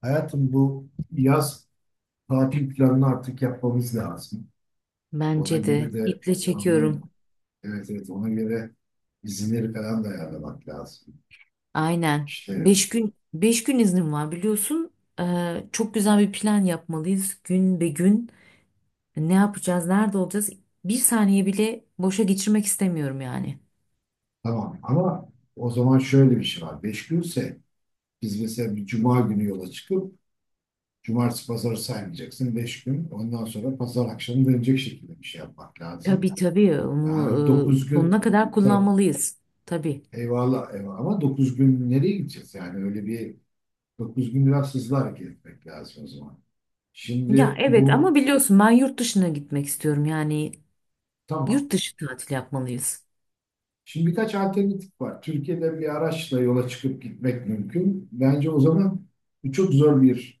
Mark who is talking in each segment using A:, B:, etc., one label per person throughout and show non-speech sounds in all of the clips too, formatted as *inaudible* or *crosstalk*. A: Hayatım bu yaz tatil planını artık yapmamız lazım. Ona
B: Bence
A: göre
B: de
A: de
B: iple
A: ama
B: çekiyorum.
A: evet evet ona göre izinleri falan da ayarlamak lazım.
B: Aynen.
A: İşte
B: Beş gün iznim var biliyorsun. Çok güzel bir plan yapmalıyız. Gün be gün ne yapacağız, nerede olacağız? Bir saniye bile boşa geçirmek istemiyorum yani.
A: tamam ama o zaman şöyle bir şey var. Beş günse biz mesela bir cuma günü yola çıkıp cumartesi pazarı saymayacaksın. Beş gün ondan sonra pazar akşamı dönecek şekilde bir şey yapmak lazım.
B: Tabii onu
A: Yani dokuz gün
B: sonuna kadar
A: tamam,
B: kullanmalıyız. Tabii.
A: eyvallah eyvallah ama 9 gün nereye gideceğiz? Yani öyle bir 9 gün biraz hızlı hareket etmek lazım o zaman.
B: Ya
A: Şimdi
B: evet,
A: bu
B: ama biliyorsun ben yurt dışına gitmek istiyorum. Yani
A: tamam.
B: yurt dışı tatil yapmalıyız.
A: Şimdi birkaç alternatif var. Türkiye'de bir araçla yola çıkıp gitmek mümkün. Bence o zaman bu çok zor bir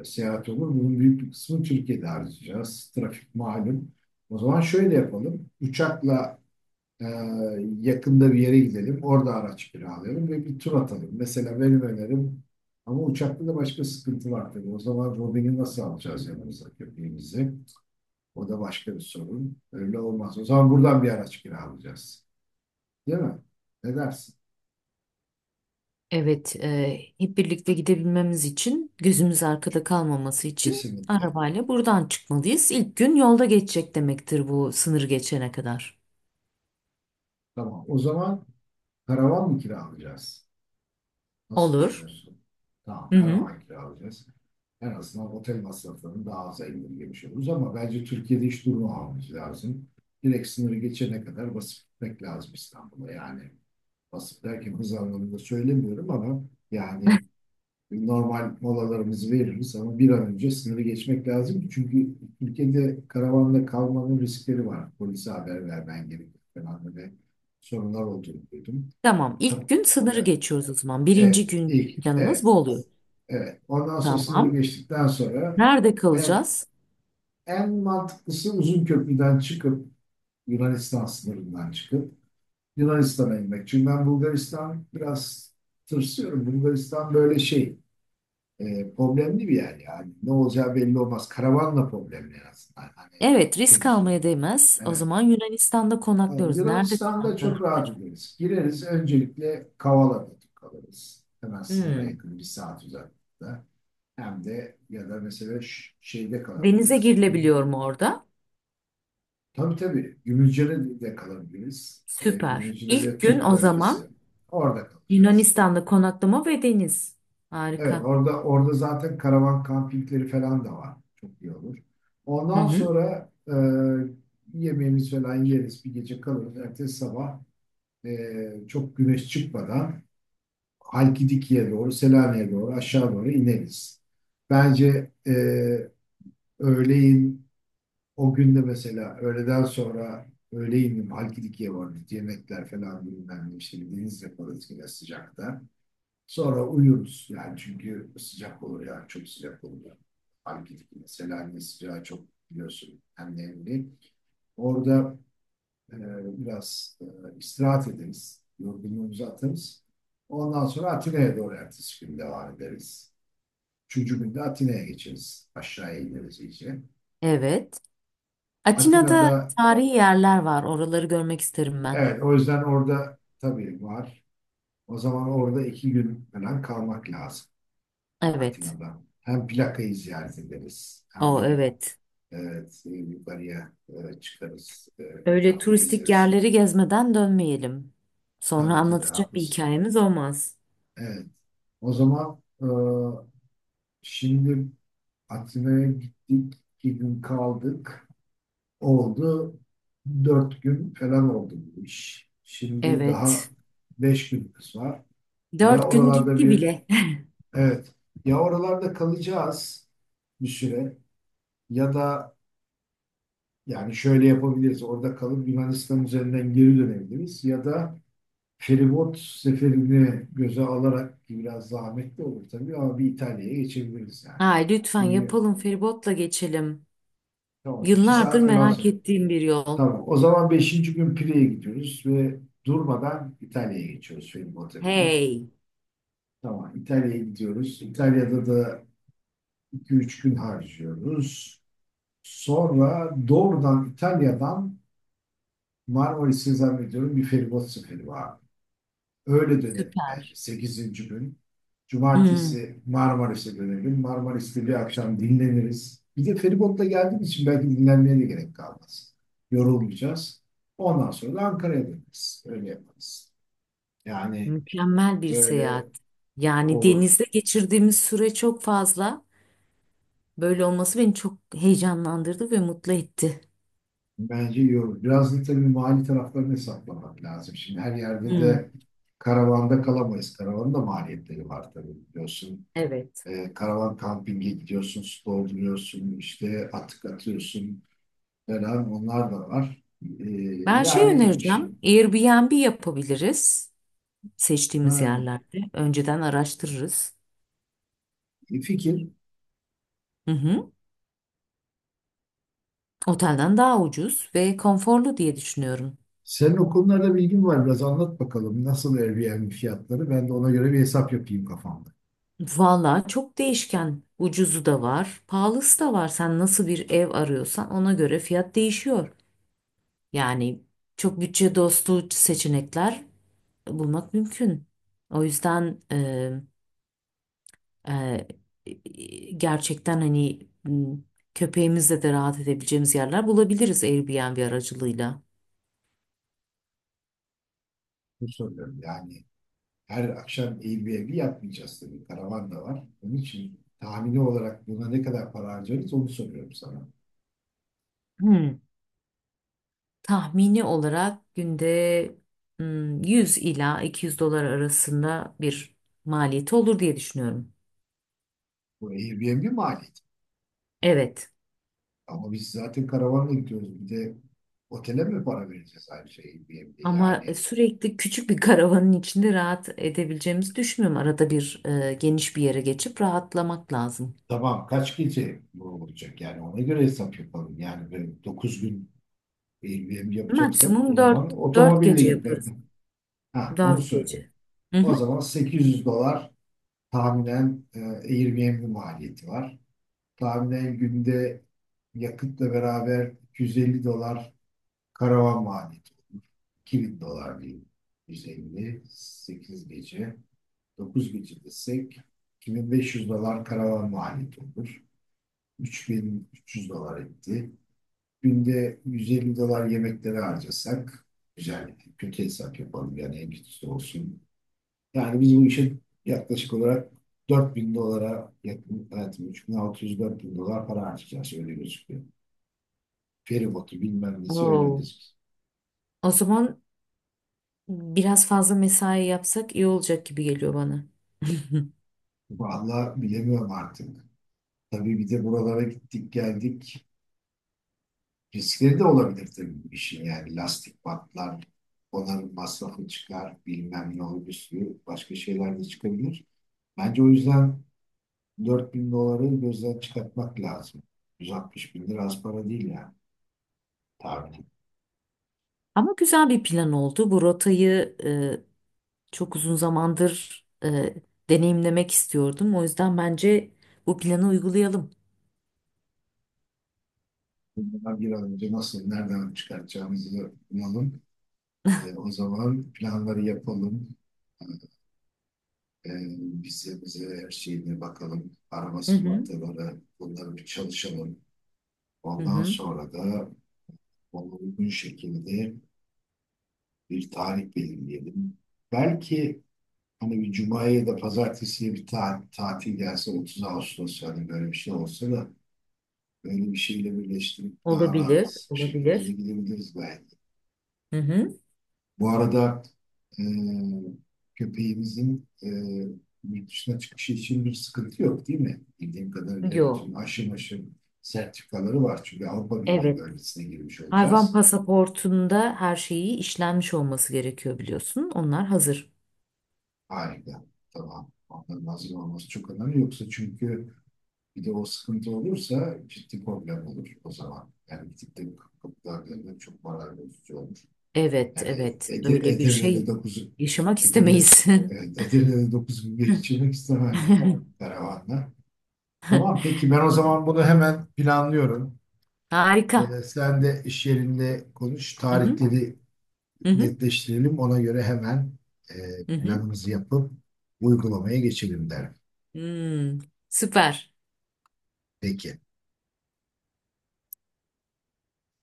A: seyahat olur. Bunun büyük bir kısmını Türkiye'de harcayacağız. Trafik malum. O zaman şöyle yapalım. Uçakla e, yakında bir yere gidelim. Orada araç kiralayalım ve bir tur atalım. Mesela benim önerim ama uçakta da başka sıkıntı var tabii. O zaman Robin'i nasıl alacağız yanımıza köpeğimizi? O da başka bir sorun. Öyle olmaz. O zaman buradan bir araç kiralayacağız. Değil mi? Ne dersin?
B: Evet, hep birlikte gidebilmemiz için, gözümüz arkada kalmaması için
A: Kesinlikle.
B: arabayla buradan çıkmalıyız. İlk gün yolda geçecek demektir bu, sınırı geçene kadar.
A: Tamam. O zaman karavan mı kiralayacağız? Nasıl
B: Olur.
A: düşünüyorsun? Tamam,
B: Hı hı.
A: karavan kiralayacağız. En azından otel masraflarını daha aza indirgemiş oluruz ama bence Türkiye'de hiç durmamamız lazım. Direkt sınırı geçene kadar basıp gitmek lazım İstanbul'a. Yani basıp derken hız anlamında söylemiyorum ama yani normal molalarımızı veririz ama bir an önce sınırı geçmek lazım. Çünkü ülkede karavanla kalmanın riskleri var. Polise haber vermen gerekiyor falan böyle sorunlar olduğunu duydum.
B: Tamam, ilk gün sınırı
A: Ya,
B: geçiyoruz o zaman. Birinci
A: evet,
B: gün
A: ilk,
B: planımız
A: evet,
B: bu oluyor.
A: evet. Ondan sonra sınırı
B: Tamam.
A: geçtikten sonra
B: Nerede
A: en,
B: kalacağız?
A: en mantıklısı uzun köprüden çıkıp Yunanistan sınırından çıkıp Yunanistan'a inmek. Çünkü ben Bulgaristan biraz tırsıyorum. Bulgaristan böyle şey problemli bir yer yani. Ne olacağı belli olmaz. Karavanla problemli aslında. Hani
B: Evet, risk
A: otobüsün.
B: almaya değmez. O
A: Evet.
B: zaman Yunanistan'da
A: Yani
B: konaklıyoruz. Nerede
A: Yunanistan'da çok
B: konaklanabiliriz?
A: rahat ederiz. Gireriz öncelikle Kavala'da kalırız. Hemen sınıra
B: Hmm.
A: yakın bir saat uzaklıkta. Hem de ya da mesela şeyde
B: Denize
A: kalabiliriz.
B: girilebiliyor mu orada?
A: Tabii tabii. Gümülcine de kalabiliriz.
B: Süper.
A: Gümülcine
B: İlk
A: de
B: gün
A: Türk
B: o
A: bölgesi.
B: zaman
A: Orada kalacağız.
B: Yunanistan'da konaklama ve deniz.
A: Evet,
B: Harika.
A: orada zaten karavan kampingleri falan da var. Çok iyi olur.
B: Hı
A: Ondan
B: hı.
A: sonra yemeğimiz falan yeriz, bir gece kalırız. Ertesi sabah çok güneş çıkmadan Halkidiki'ye doğru, Selanik'e doğru, aşağı doğru ineriz. Bence öğleyin o günde mesela öğleden sonra öğleyin Halkidiki'ye varırız. Yemekler falan bilmem ne işte bir deniz yaparız yine sıcakta. Sonra uyuruz yani çünkü sıcak olur ya çok sıcak olur. Ya. Mesela ne sıcağı çok biliyorsun hem nemli. Orada e, biraz istirahat ederiz. Yorgunluğumuzu atarız. Ondan sonra Atina'ya doğru ertesi gün devam ederiz. Üçüncü günde Atina'ya geçeriz. Aşağıya ineriz iyice.
B: Evet. Atina'da
A: Atina'da
B: tarihi yerler var. Oraları görmek isterim ben.
A: evet o yüzden orada tabii var. O zaman orada 2 gün falan kalmak lazım. Hem
B: Evet.
A: Atina'da hem plakayı ziyaret ederiz. Hem
B: O
A: de
B: evet.
A: evet, yukarıya çıkarız,
B: Öyle
A: etrafı
B: turistik
A: gezeriz.
B: yerleri gezmeden dönmeyelim. Sonra
A: Tabii tabii,
B: anlatacak bir
A: haklısın.
B: hikayemiz olmaz.
A: Evet, o zaman şimdi Atina'ya gittik, 2 gün kaldık. Oldu, 4 gün falan oldu bu iş. Şimdi daha
B: Evet.
A: beş günümüz var. Ya
B: Dört gün
A: oralarda
B: gitti
A: bir,
B: bile.
A: evet, ya oralarda kalacağız bir süre ya da yani şöyle yapabiliriz, orada kalıp Yunanistan üzerinden geri dönebiliriz ya da feribot seferini göze alarak ki biraz zahmetli olur tabii ama bir İtalya'ya geçebiliriz
B: *laughs*
A: yani.
B: Ay lütfen
A: Çünkü
B: yapalım, feribotla geçelim.
A: tamam iki
B: Yıllardır
A: saat falan
B: merak
A: sonra.
B: ettiğim bir yol.
A: Tamam o zaman beşinci gün Pire'ye gidiyoruz ve durmadan İtalya'ya geçiyoruz feribota binip.
B: Hey.
A: Tamam İtalya'ya gidiyoruz. İtalya'da da 2 3 gün harcıyoruz. Sonra doğrudan İtalya'dan Marmaris'e zannediyorum bir feribot seferi var. Öyle dönelim bence.
B: Süper.
A: Sekizinci gün.
B: Hmm.
A: Cumartesi Marmaris'e dönelim. Marmaris'te bir akşam dinleniriz. Bir de feribotla geldiğimiz için belki dinlenmeye de gerek kalmaz. Yorulmayacağız. Ondan sonra da Ankara'ya döneriz. Öyle yaparız. Yani
B: Mükemmel bir
A: böyle
B: seyahat. Yani
A: olur.
B: denizde geçirdiğimiz süre çok fazla. Böyle olması beni çok heyecanlandırdı ve mutlu etti.
A: Bence iyi olur. Biraz da tabii mali taraflarını hesaplamak lazım. Şimdi her yerde
B: Hmm,
A: de karavanda kalamayız. Karavanın da maliyetleri var tabii biliyorsun.
B: evet.
A: Karavan kampinge gidiyorsun, su dolduruyorsun, işte atık atıyorsun, beraber onlar da var. Ee,
B: Ben şey
A: yani
B: önereceğim.
A: şimdi
B: Airbnb yapabiliriz seçtiğimiz
A: ha,
B: yerlerde. Önceden araştırırız.
A: fikir.
B: Hı hı. Otelden daha ucuz ve konforlu diye düşünüyorum.
A: Senin o konularda bilgin var. Biraz anlat bakalım. Nasıl Airbnb fiyatları? Ben de ona göre bir hesap yapayım kafamda.
B: Valla çok değişken. Ucuzu da var, pahalısı da var. Sen nasıl bir ev arıyorsan ona göre fiyat değişiyor. Yani çok bütçe dostu seçenekler bulmak mümkün. O yüzden gerçekten köpeğimizle de rahat edebileceğimiz yerler bulabiliriz Airbnb aracılığıyla.
A: Bu söylüyorum. Yani her akşam Airbnb yapmayacağız tabii. Karavan da var. Onun için tahmini olarak buna ne kadar para harcarız onu soruyorum sana.
B: Hmm, tahmini olarak günde, hmm, 100 ila 200 dolar arasında bir maliyeti olur diye düşünüyorum.
A: Bu Airbnb maliyeti.
B: Evet.
A: Ama biz zaten karavanla gidiyoruz. Bir de otele mi para vereceğiz ayrıca Airbnb?
B: Ama
A: Yani
B: sürekli küçük bir karavanın içinde rahat edebileceğimizi düşünmüyorum. Arada bir geniş bir yere geçip rahatlamak lazım.
A: tamam kaç gece bu olacak yani ona göre hesap yapalım. Yani böyle 9 gün Airbnb yapacaksak
B: Maksimum
A: o
B: dört
A: zaman
B: dört
A: otomobille
B: gece
A: gitmek.
B: yaparız.
A: Ha onu
B: Dört gece.
A: söylüyorum.
B: Hı
A: O
B: hı.
A: zaman 800 dolar tahminen Airbnb maliyeti var. Tahminen günde yakıtla beraber 250 dolar karavan maliyeti olur. 2000 dolar diyeyim. 158 gece. 9 gece desek 2500 dolar karavan maliyeti olur. 3300 dolar etti. Günde 150 dolar yemeklere harcasak güzel. Kötü hesap yapalım yani en kötüsü olsun. Yani biz bu işe yaklaşık olarak 4000 dolara yakın, evet 3600-4000 dolar para harcayacağız öyle gözüküyor. Feribotu bilmem nesi öyle
B: Oo.
A: gözüküyor.
B: O zaman biraz fazla mesai yapsak iyi olacak gibi geliyor bana. *laughs*
A: Vallahi bilemiyorum artık. Tabii bir de buralara gittik geldik. Riskleri de olabilir tabii bu işin yani lastik patlar, onarım masrafı çıkar, bilmem ne olur bir sürü başka şeyler de çıkabilir. Bence o yüzden 4000 doları gözden çıkartmak lazım. 160 bin lira az para değil yani tahmin.
B: Ama güzel bir plan oldu. Bu rotayı çok uzun zamandır deneyimlemek istiyordum. O yüzden bence bu planı uygulayalım.
A: Bundan bir an önce nasıl, nereden çıkartacağımızı bulalım. O zaman planları yapalım. E, bize her şeyine bakalım. Araba
B: Hı hı.
A: sigortaları, bunları bir çalışalım.
B: Hı
A: Ondan
B: hı.
A: sonra da ona uygun şekilde bir tarih belirleyelim. Belki hani bir cumaya ya da pazartesiye bir tatil gelse 30 Ağustos yani böyle bir şey olsa da böyle bir şeyle birleştirip daha
B: Olabilir,
A: rahat bir şekilde de
B: olabilir.
A: gidebiliriz belki.
B: Hı hı.
A: Bu arada e, köpeğimizin yurt dışına çıkışı için bir sıkıntı yok değil mi? Bildiğim kadarıyla bütün
B: Yo.
A: aşım sertifikaları var. Çünkü Avrupa Birliği
B: Evet.
A: bölgesine girmiş
B: Hayvan
A: olacağız.
B: pasaportunda her şeyi işlenmiş olması gerekiyor biliyorsun. Onlar hazır.
A: Harika. Tamam. Onların hazır olması çok önemli. Yoksa çünkü bir de o sıkıntı olursa ciddi problem olur o zaman. Yani bir tık da kıtlığa dönmek çok moral bozucu olur.
B: Evet,
A: Yani
B: evet.
A: Ede,
B: Öyle bir
A: Edirne'de
B: şey
A: 9
B: yaşamak
A: Edirne,
B: istemeyiz.
A: evet, Edirne'de 9 gün geçirmek istemem yani karavanla. Tamam peki ben o zaman bunu
B: *laughs*
A: hemen planlıyorum.
B: Harika.
A: Sen de iş yerinde konuş.
B: Hı hı.
A: Tarihleri
B: Hı hı.
A: netleştirelim. Ona göre hemen e,
B: Hı hı.
A: planımızı yapıp uygulamaya geçelim derim.
B: Hmm, süper.
A: Peki.